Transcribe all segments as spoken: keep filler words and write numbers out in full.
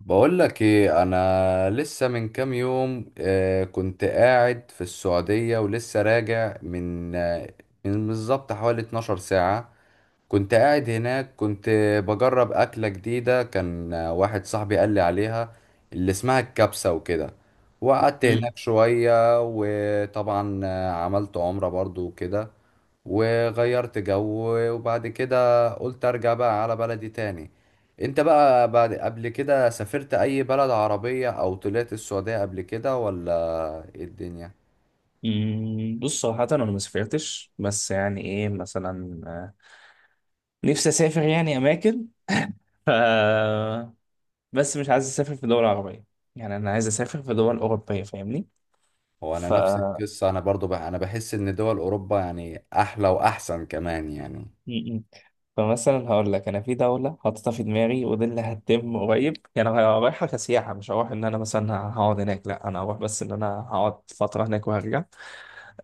بقول لك ايه، انا لسه من كام يوم آه، كنت قاعد في السعودية، ولسه راجع من آه، من بالظبط حوالي اتناشر ساعة. كنت قاعد هناك، كنت بجرب أكلة جديدة، كان واحد صاحبي قال لي عليها، اللي اسمها الكبسة وكده. وقعدت مم. هناك شوية، وطبعا آه، عملت عمرة برضو وكده، وغيرت جو. وبعد كده قلت أرجع بقى على بلدي تاني. انت بقى بعد، قبل كده سافرت اي بلد عربية، او طلعت السعودية قبل كده ولا ايه الدنيا؟ مم، بص، صراحة أنا ما سافرتش، بس يعني إيه مثلا، آه، نفسي أسافر يعني أماكن. ف بس مش عايز أسافر في دول عربية، يعني أنا عايز أسافر في دول أوروبية، فاهمني؟ هو انا ف نفس القصة، انا برضو بقى انا بحس ان دول اوروبا يعني احلى واحسن كمان يعني. مم. فمثلا هقول لك، أنا في دولة حاططها في دماغي ودي اللي هتتم قريب، يعني أنا رايحة كسياحة، مش هروح إن أنا مثلا هقعد هناك، لا أنا هروح بس إن أنا هقعد فترة هناك وهرجع.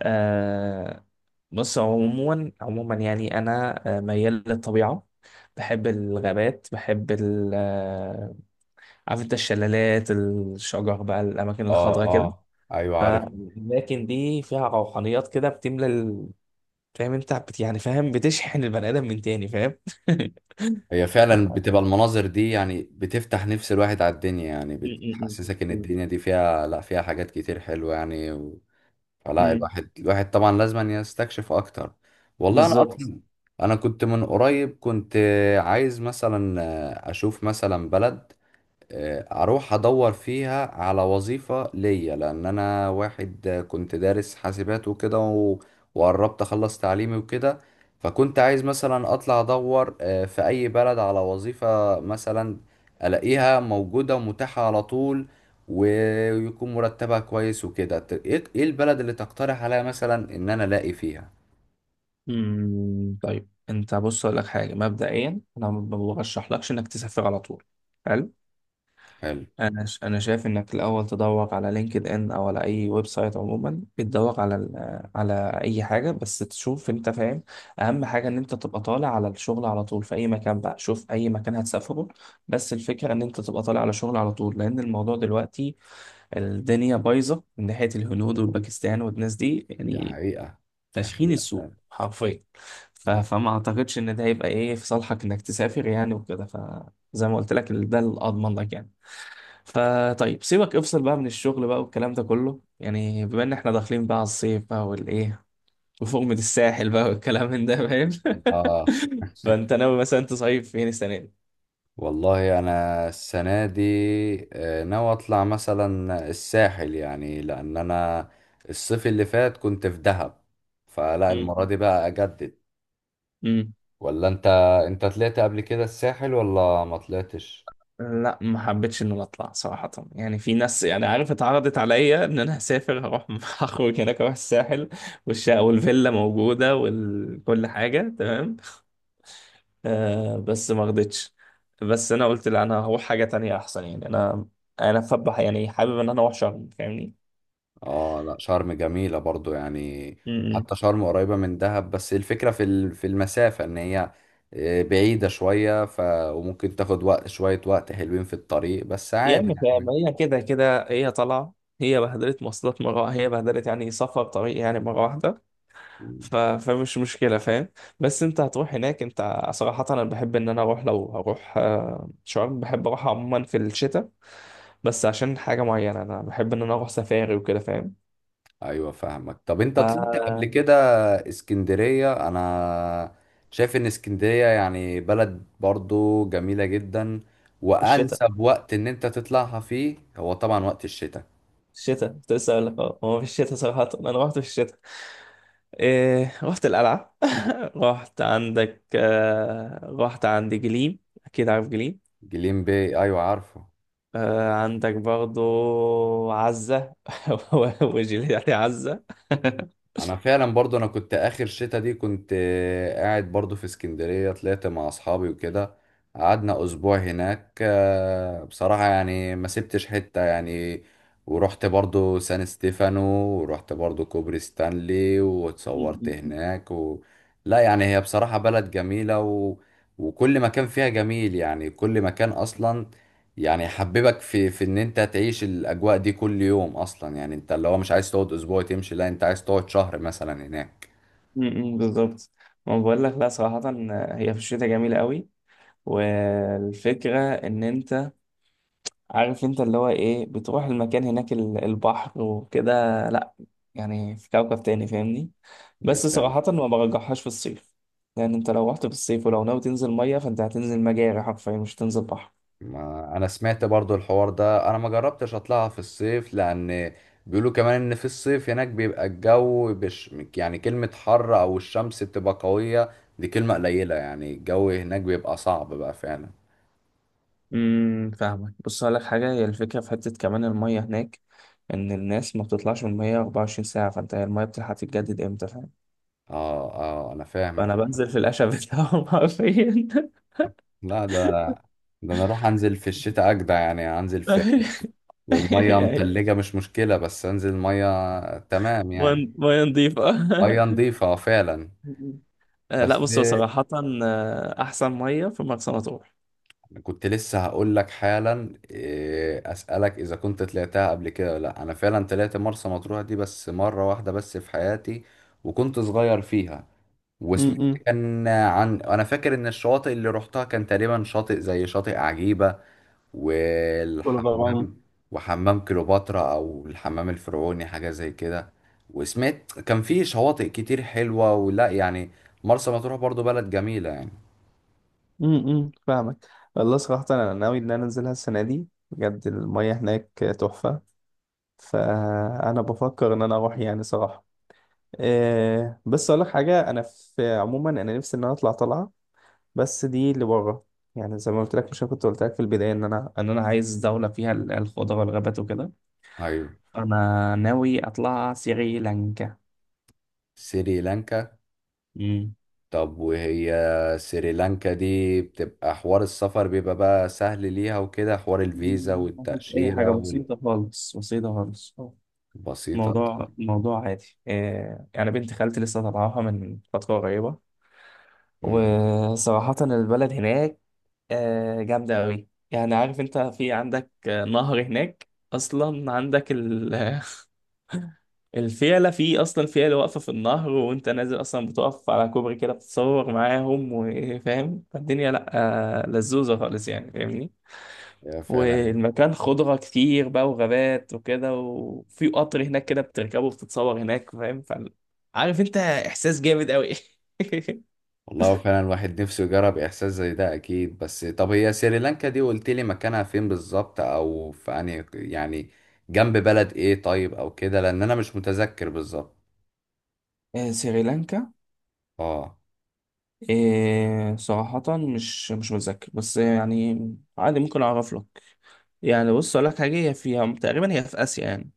آه، بص، عموما عموما يعني انا، آه، ميال للطبيعه، بحب الغابات، بحب ال آه، عارف انت الشلالات، الشجر بقى، الاماكن اه، الخضراء كده. اه، ايوه عارف. فالاماكن دي فيها روحانيات كده، بتملى ال- فاهم انت، بت يعني فاهم، بتشحن البني ادم من تاني، فاهم؟ م- هي فعلا بتبقى المناظر دي يعني بتفتح نفس الواحد على الدنيا، يعني م- بتحسسك ان م. الدنيا دي فيها، لا فيها حاجات كتير حلوة يعني. فلا م. الواحد الواحد طبعا لازم يستكشف اكتر. والله انا بالظبط. اصلا، انا كنت من قريب، كنت عايز مثلا اشوف مثلا بلد، آه، اروح ادور فيها على وظيفة ليا، لان انا واحد آه، كنت دارس حاسبات وكده و- وقربت اخلص تعليمي وكده. فكنت عايز مثلا اطلع ادور آه، في اي بلد على وظيفة مثلا، الاقيها موجودة ومتاحة على طول، ويكون مرتبها كويس وكده. ت- ايه إيه البلد اللي تقترح عليا مثلا ان انا الاقي فيها؟ م، طيب انت، بص اقول لك حاجه، مبدئيا انا ما برشحلكش انك تسافر على طول. حلو. حلو. انا ش- انا شايف انك الاول تدور على لينكد ان، او على اي ويب سايت عموما، بتدور على ال- على اي حاجه بس تشوف انت، فاهم؟ اهم حاجه ان انت تبقى طالع على الشغل على طول في اي مكان بقى، شوف اي مكان هتسافره، بس الفكره ان انت تبقى طالع على شغل على طول، لان الموضوع دلوقتي الدنيا بايظه من ناحيه الهنود والباكستان والناس دي دي يعني، حقيقة. دي تشخين حقيقة السوق فعلا. حرفيا. ف- فما اعتقدش ان ده هيبقى ايه في صالحك انك تسافر يعني وكده، فزي ما قلت لك ده الاضمن لك يعني. فطيب سيبك، افصل بقى من الشغل بقى والكلام ده كله، يعني بما ان احنا داخلين بقى على الصيف بقى والايه، وفوق الساحل بقى والكلام من ده، فاهم؟ اه فانت ناوي مثلا تصيف فين السنه دي؟ والله انا السنه دي آه، ناوي اطلع مثلا الساحل يعني، لان انا الصيف اللي فات كنت في دهب، فلا المره مم. دي بقى اجدد. امم ولا انت، انت طلعت قبل كده الساحل ولا ما طلعتش؟ لا ما حبيتش ان انا اطلع، صراحه يعني في ناس يعني، عارف اتعرضت عليا ان انا هسافر هروح هخرج هناك، اروح الساحل والشقه والفيلا موجوده وكل حاجه تمام، آه بس ما رضيتش. بس انا قلت لا، انا هروح حاجه تانية احسن، يعني انا انا فبح يعني حابب ان انا اروح شرم، فاهمني؟ اه، لا شرم جميله برضو يعني. امم. حتى شرم قريبه من دهب، بس الفكره في ال- في المسافه، ان هي آه، بعيده شويه، ف وممكن تاخد وقت، شويه وقت حلوين في الطريق، بس يا عادي عم فاهم، يعني. هي كده كده هي طالعه، هي بهدلت مواصلات مره، هي بهدلت يعني سفر طريق يعني مره واحده. ف... فمش مشكله، فاهم؟ بس انت هتروح هناك، انت صراحه انا بحب ان انا اروح، لو هروح آه، شرم، بحب اروح عموما في الشتاء، بس عشان حاجه معينه انا بحب ان انا اروح سفاري وكده، فاهم؟ ايوه فاهمك. طب انت طلعت قبل ف- كده اسكندرية؟ انا شايف ان اسكندرية يعني بلد برضو جميلة جدا، الشتاء. وانسب وقت ان انت تطلعها فيه هو طبعا وقت الشتاء. الشتاء كنت لسه اقول لك، اه هو في الشتاء صراحة، انا رحت في الشتاء، إيه رحت القلعة. رحت عندك، آه رحت عند جليم، اكيد عارف جليم، جليم باي، ايوه عارفه. آه عندك برضو عزة. وجليم يعني عزة. انا فعلا برضو، انا كنت اخر شتا دي كنت آه، قاعد برضو في اسكندرية، طلعت مع اصحابي وكده. قعدنا اسبوع هناك، آه، بصراحة يعني ما سبتش حتة يعني. ورحت برضو سان ستيفانو، ورحت برضو كوبري ستانلي واتصورت م- هناك و... لا يعني هي بصراحة بلد جميلة، و... وكل مكان فيها جميل، يعني كل مكان اصلا يعني حببك في في ان انت تعيش الاجواء دي كل يوم اصلا. يعني انت اللي هو مش عايز تقعد اسبوع تمشي، لا انت عايز تقعد شهر مثلا هناك. م- م- بالظبط. ما بقول لك، لا صراحة هي في الشتاء جميلة قوي، والفكرة ان انت عارف انت اللي هو ايه، بتروح المكان هناك ال- البحر وكده، لا يعني في كوكب تاني، فاهمني؟ بس فعلا. صراحة ما برجحهاش في الصيف، لأن أنت لو رحت في الصيف ولو ناوي تنزل مية فأنت هتنزل مجاري حرفيا، مش هتنزل بحر. ما انا سمعت برضو الحوار ده، انا ما جربتش اطلعها في الصيف، لان بيقولوا كمان ان في الصيف هناك بيبقى الجو بش، يعني كلمة حر او الشمس بتبقى قوية دي كلمة قليلة، يعني الجو هناك بيبقى صعب بقى فعلا. امم فاهمك، بص هقول لك حاجة، هي الفكرة في حتة كمان، المية هناك إن الناس ما بتطلعش من المية 24 ساعة، فأنت هي المية بتلحق تتجدد إمتى، فاهم؟ اه، اه انا فاهم فأنا الحوار. بنزل في القشة بتاعهم حرفيا. لا ده، ده انا اروح انزل في الشتاء اجدع، يعني انزل في، والمية يعني متلجة مش مشكلة، بس انزل مية تمام يعني. مية مية نضيفة. مية نضيفة آه، فعلا. آه، بس لا بص هو صراحة، آه، أحسن مية في مرسى مطروح، كنت لسه هقول لك حالا، إيه، اسألك اذا كنت طلعتها قبل كده ولا لا. انا فعلا طلعت مرسى مطروح دي بس مرة واحدة بس في حياتي، وكنت صغير فيها. وسمعت كان عن، انا فاكر ان الشواطئ اللي روحتها كان تقريبا شاطئ زي شاطئ عجيبة، كل غرام. والحمام، وحمام كليوباترا او الحمام الفرعوني حاجه زي كده. وسمعت كان في شواطئ كتير حلوه ولا يعني؟ مرسى مطروح برضو بلد جميله يعني. امم فاهمك، والله صراحة أنا ناوي إن أنا أنزلها السنة دي، بجد المية هناك تحفة، فأنا بفكر إن أنا أروح يعني صراحة. إيه، بس أقول لك حاجة، أنا في عموما أنا نفسي إن أنا أطلع طلعة بس دي اللي بره، يعني زي ما قلت لك، مش أنا كنت قلت لك في البداية إن أنا إن أنا عايز دولة فيها ال- الخضرة والغابات وكده، ايوه. أنا ناوي أطلع سريلانكا. سريلانكا. امم. طب وهي سريلانكا دي بتبقى حوار السفر بيبقى بقى سهل ليها وكده، حوار الفيزا مفيش أي حاجة، والتأشيرة بسيطة خالص بسيطة خالص. والبسيطة؟ موضوع طيب. موضوع عادي، آه، يعني بنت خالتي لسه طالعاها من فترة قريبة، مم. وصراحة البلد هناك آه، جامدة أوي، يعني عارف أنت في عندك آه، نهر هناك أصلا، عندك ال- الفيلة، في أصلا فيلة واقفة في النهر وأنت نازل أصلا، بتقف على كوبري كده بتتصور معاهم وفاهم، فالدنيا لأ آه، لزوزة خالص، يعني فاهمني. هي فعلا. والمكان خضرة كتير بقى وغابات وكده، وفي قطر هناك كده بتركبه وبتتصور هناك، فاهم؟ فال- عارف انت احساس جامد قوي. والله هو فعلا الواحد نفسه يجرب احساس زي ده اكيد. بس طب هي سريلانكا دي قلت لي مكانها فين بالظبط، او في يعني يعني جنب بلد ايه طيب او كده، لان انا مش متذكر بالظبط. آه، سريلانكا، اه، آه، صراحة مش مش متذكر بس يعني عادي ممكن أعرف لك. يعني بص أقول لك حاجة، هي فيها تقريبا، هي في آسيا يعني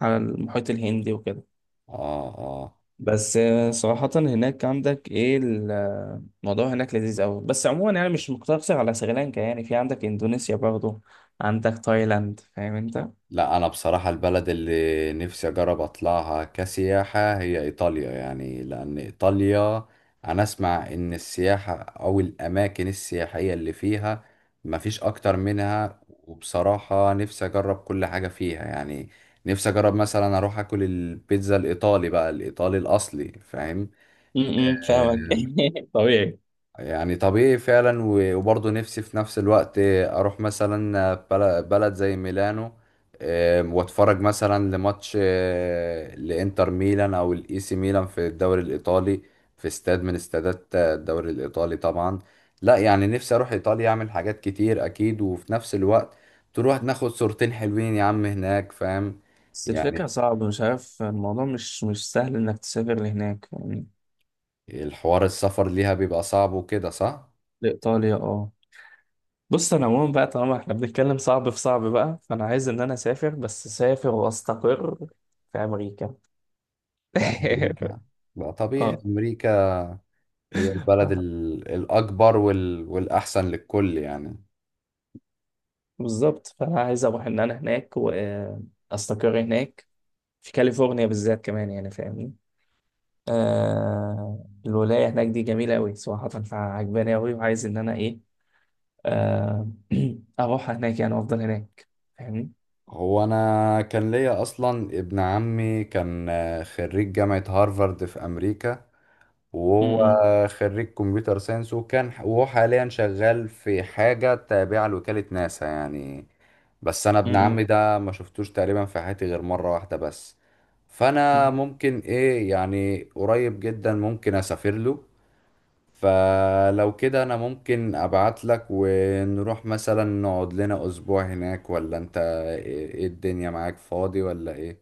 على المحيط الهندي وكده، اه آه. بس آه، صراحة هناك عندك ايه ال- آه، الموضوع هناك لذيذ قوي، بس عموما يعني مش مقتصر على سريلانكا، يعني في عندك اندونيسيا برضه، عندك تايلاند، فاهم انت؟ لا انا بصراحة البلد اللي نفسي اجرب اطلعها كسياحة هي ايطاليا يعني، لان ايطاليا انا اسمع ان السياحة او الاماكن السياحية اللي فيها مفيش اكتر منها. وبصراحة نفسي اجرب كل حاجة فيها يعني. نفسي اجرب مثلا اروح اكل البيتزا الايطالي بقى، الايطالي الاصلي، فاهم؟ امم فاهمك. آه، طبيعي. يعني طبيعي فعلا. و- وبرضه نفسي في نفس الوقت اروح مثلا بل- بلد زي ميلانو، آم، واتفرج مثلا لماتش آه، لانتر ميلان او الاي سي ميلان في الدوري الايطالي، في استاد من استادات آه، الدوري الايطالي طبعا. لا يعني نفسي اروح ايطاليا اعمل حاجات كتير اكيد، وفي نفس الوقت تروح ناخد صورتين حلوين يا عم هناك، فاهم؟ بس الفكرة يعني صعبة، مش عارف الموضوع مش مش سهل انك تسافر لهناك يعني، الحوار السفر ليها بيبقى صعب وكده، صح؟ لإيطاليا اه. بص انا عموما بقى، طالما احنا بنتكلم صعب في صعب بقى، فانا عايز ان انا اسافر بس اسافر واستقر في امريكا. في امريكا. لا طبيعي، امريكا هي البلد اه، ال- الأكبر وال... والأحسن للكل يعني. بالظبط. فانا عايز اروح ان انا هناك واستقر هناك، في كاليفورنيا بالذات كمان يعني، فاهمني؟ آه الولايه هناك دي جميله قوي صراحه، فعجباني قوي وعايز ان انا ايه، آه اروح هناك يعني افضل هناك، فاهمني؟ هو أنا كان ليا أصلا ابن عمي، كان آه، خريج جامعة هارفارد في أمريكا. م- وهو م- خريج كمبيوتر ساينس، وكان وهو حاليا شغال في حاجة تابعة لوكالة ناسا يعني. بس أنا م- ابن م- عمي ده ما شفتوش تقريبا في حياتي غير مرة واحدة بس. فأنا م. ممكن إيه، يعني قريب جدا ممكن أسافر له. فلو كده انا ممكن ابعت لك ونروح مثلا نقعد لنا اسبوع هناك، ولا انت ايه، إيه الدنيا، معاك فاضي ولا ايه؟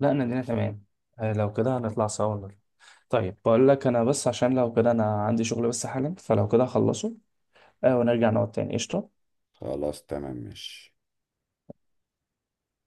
لا، انا الدنيا تمام، آه لو كده هنطلع سوا النهاردة. طيب بقول لك انا، بس عشان لو كده انا عندي شغل بس حالا، فلو كده هخلصه، آه ونرجع نقعد تاني قشطه. خلاص تمام ماشي.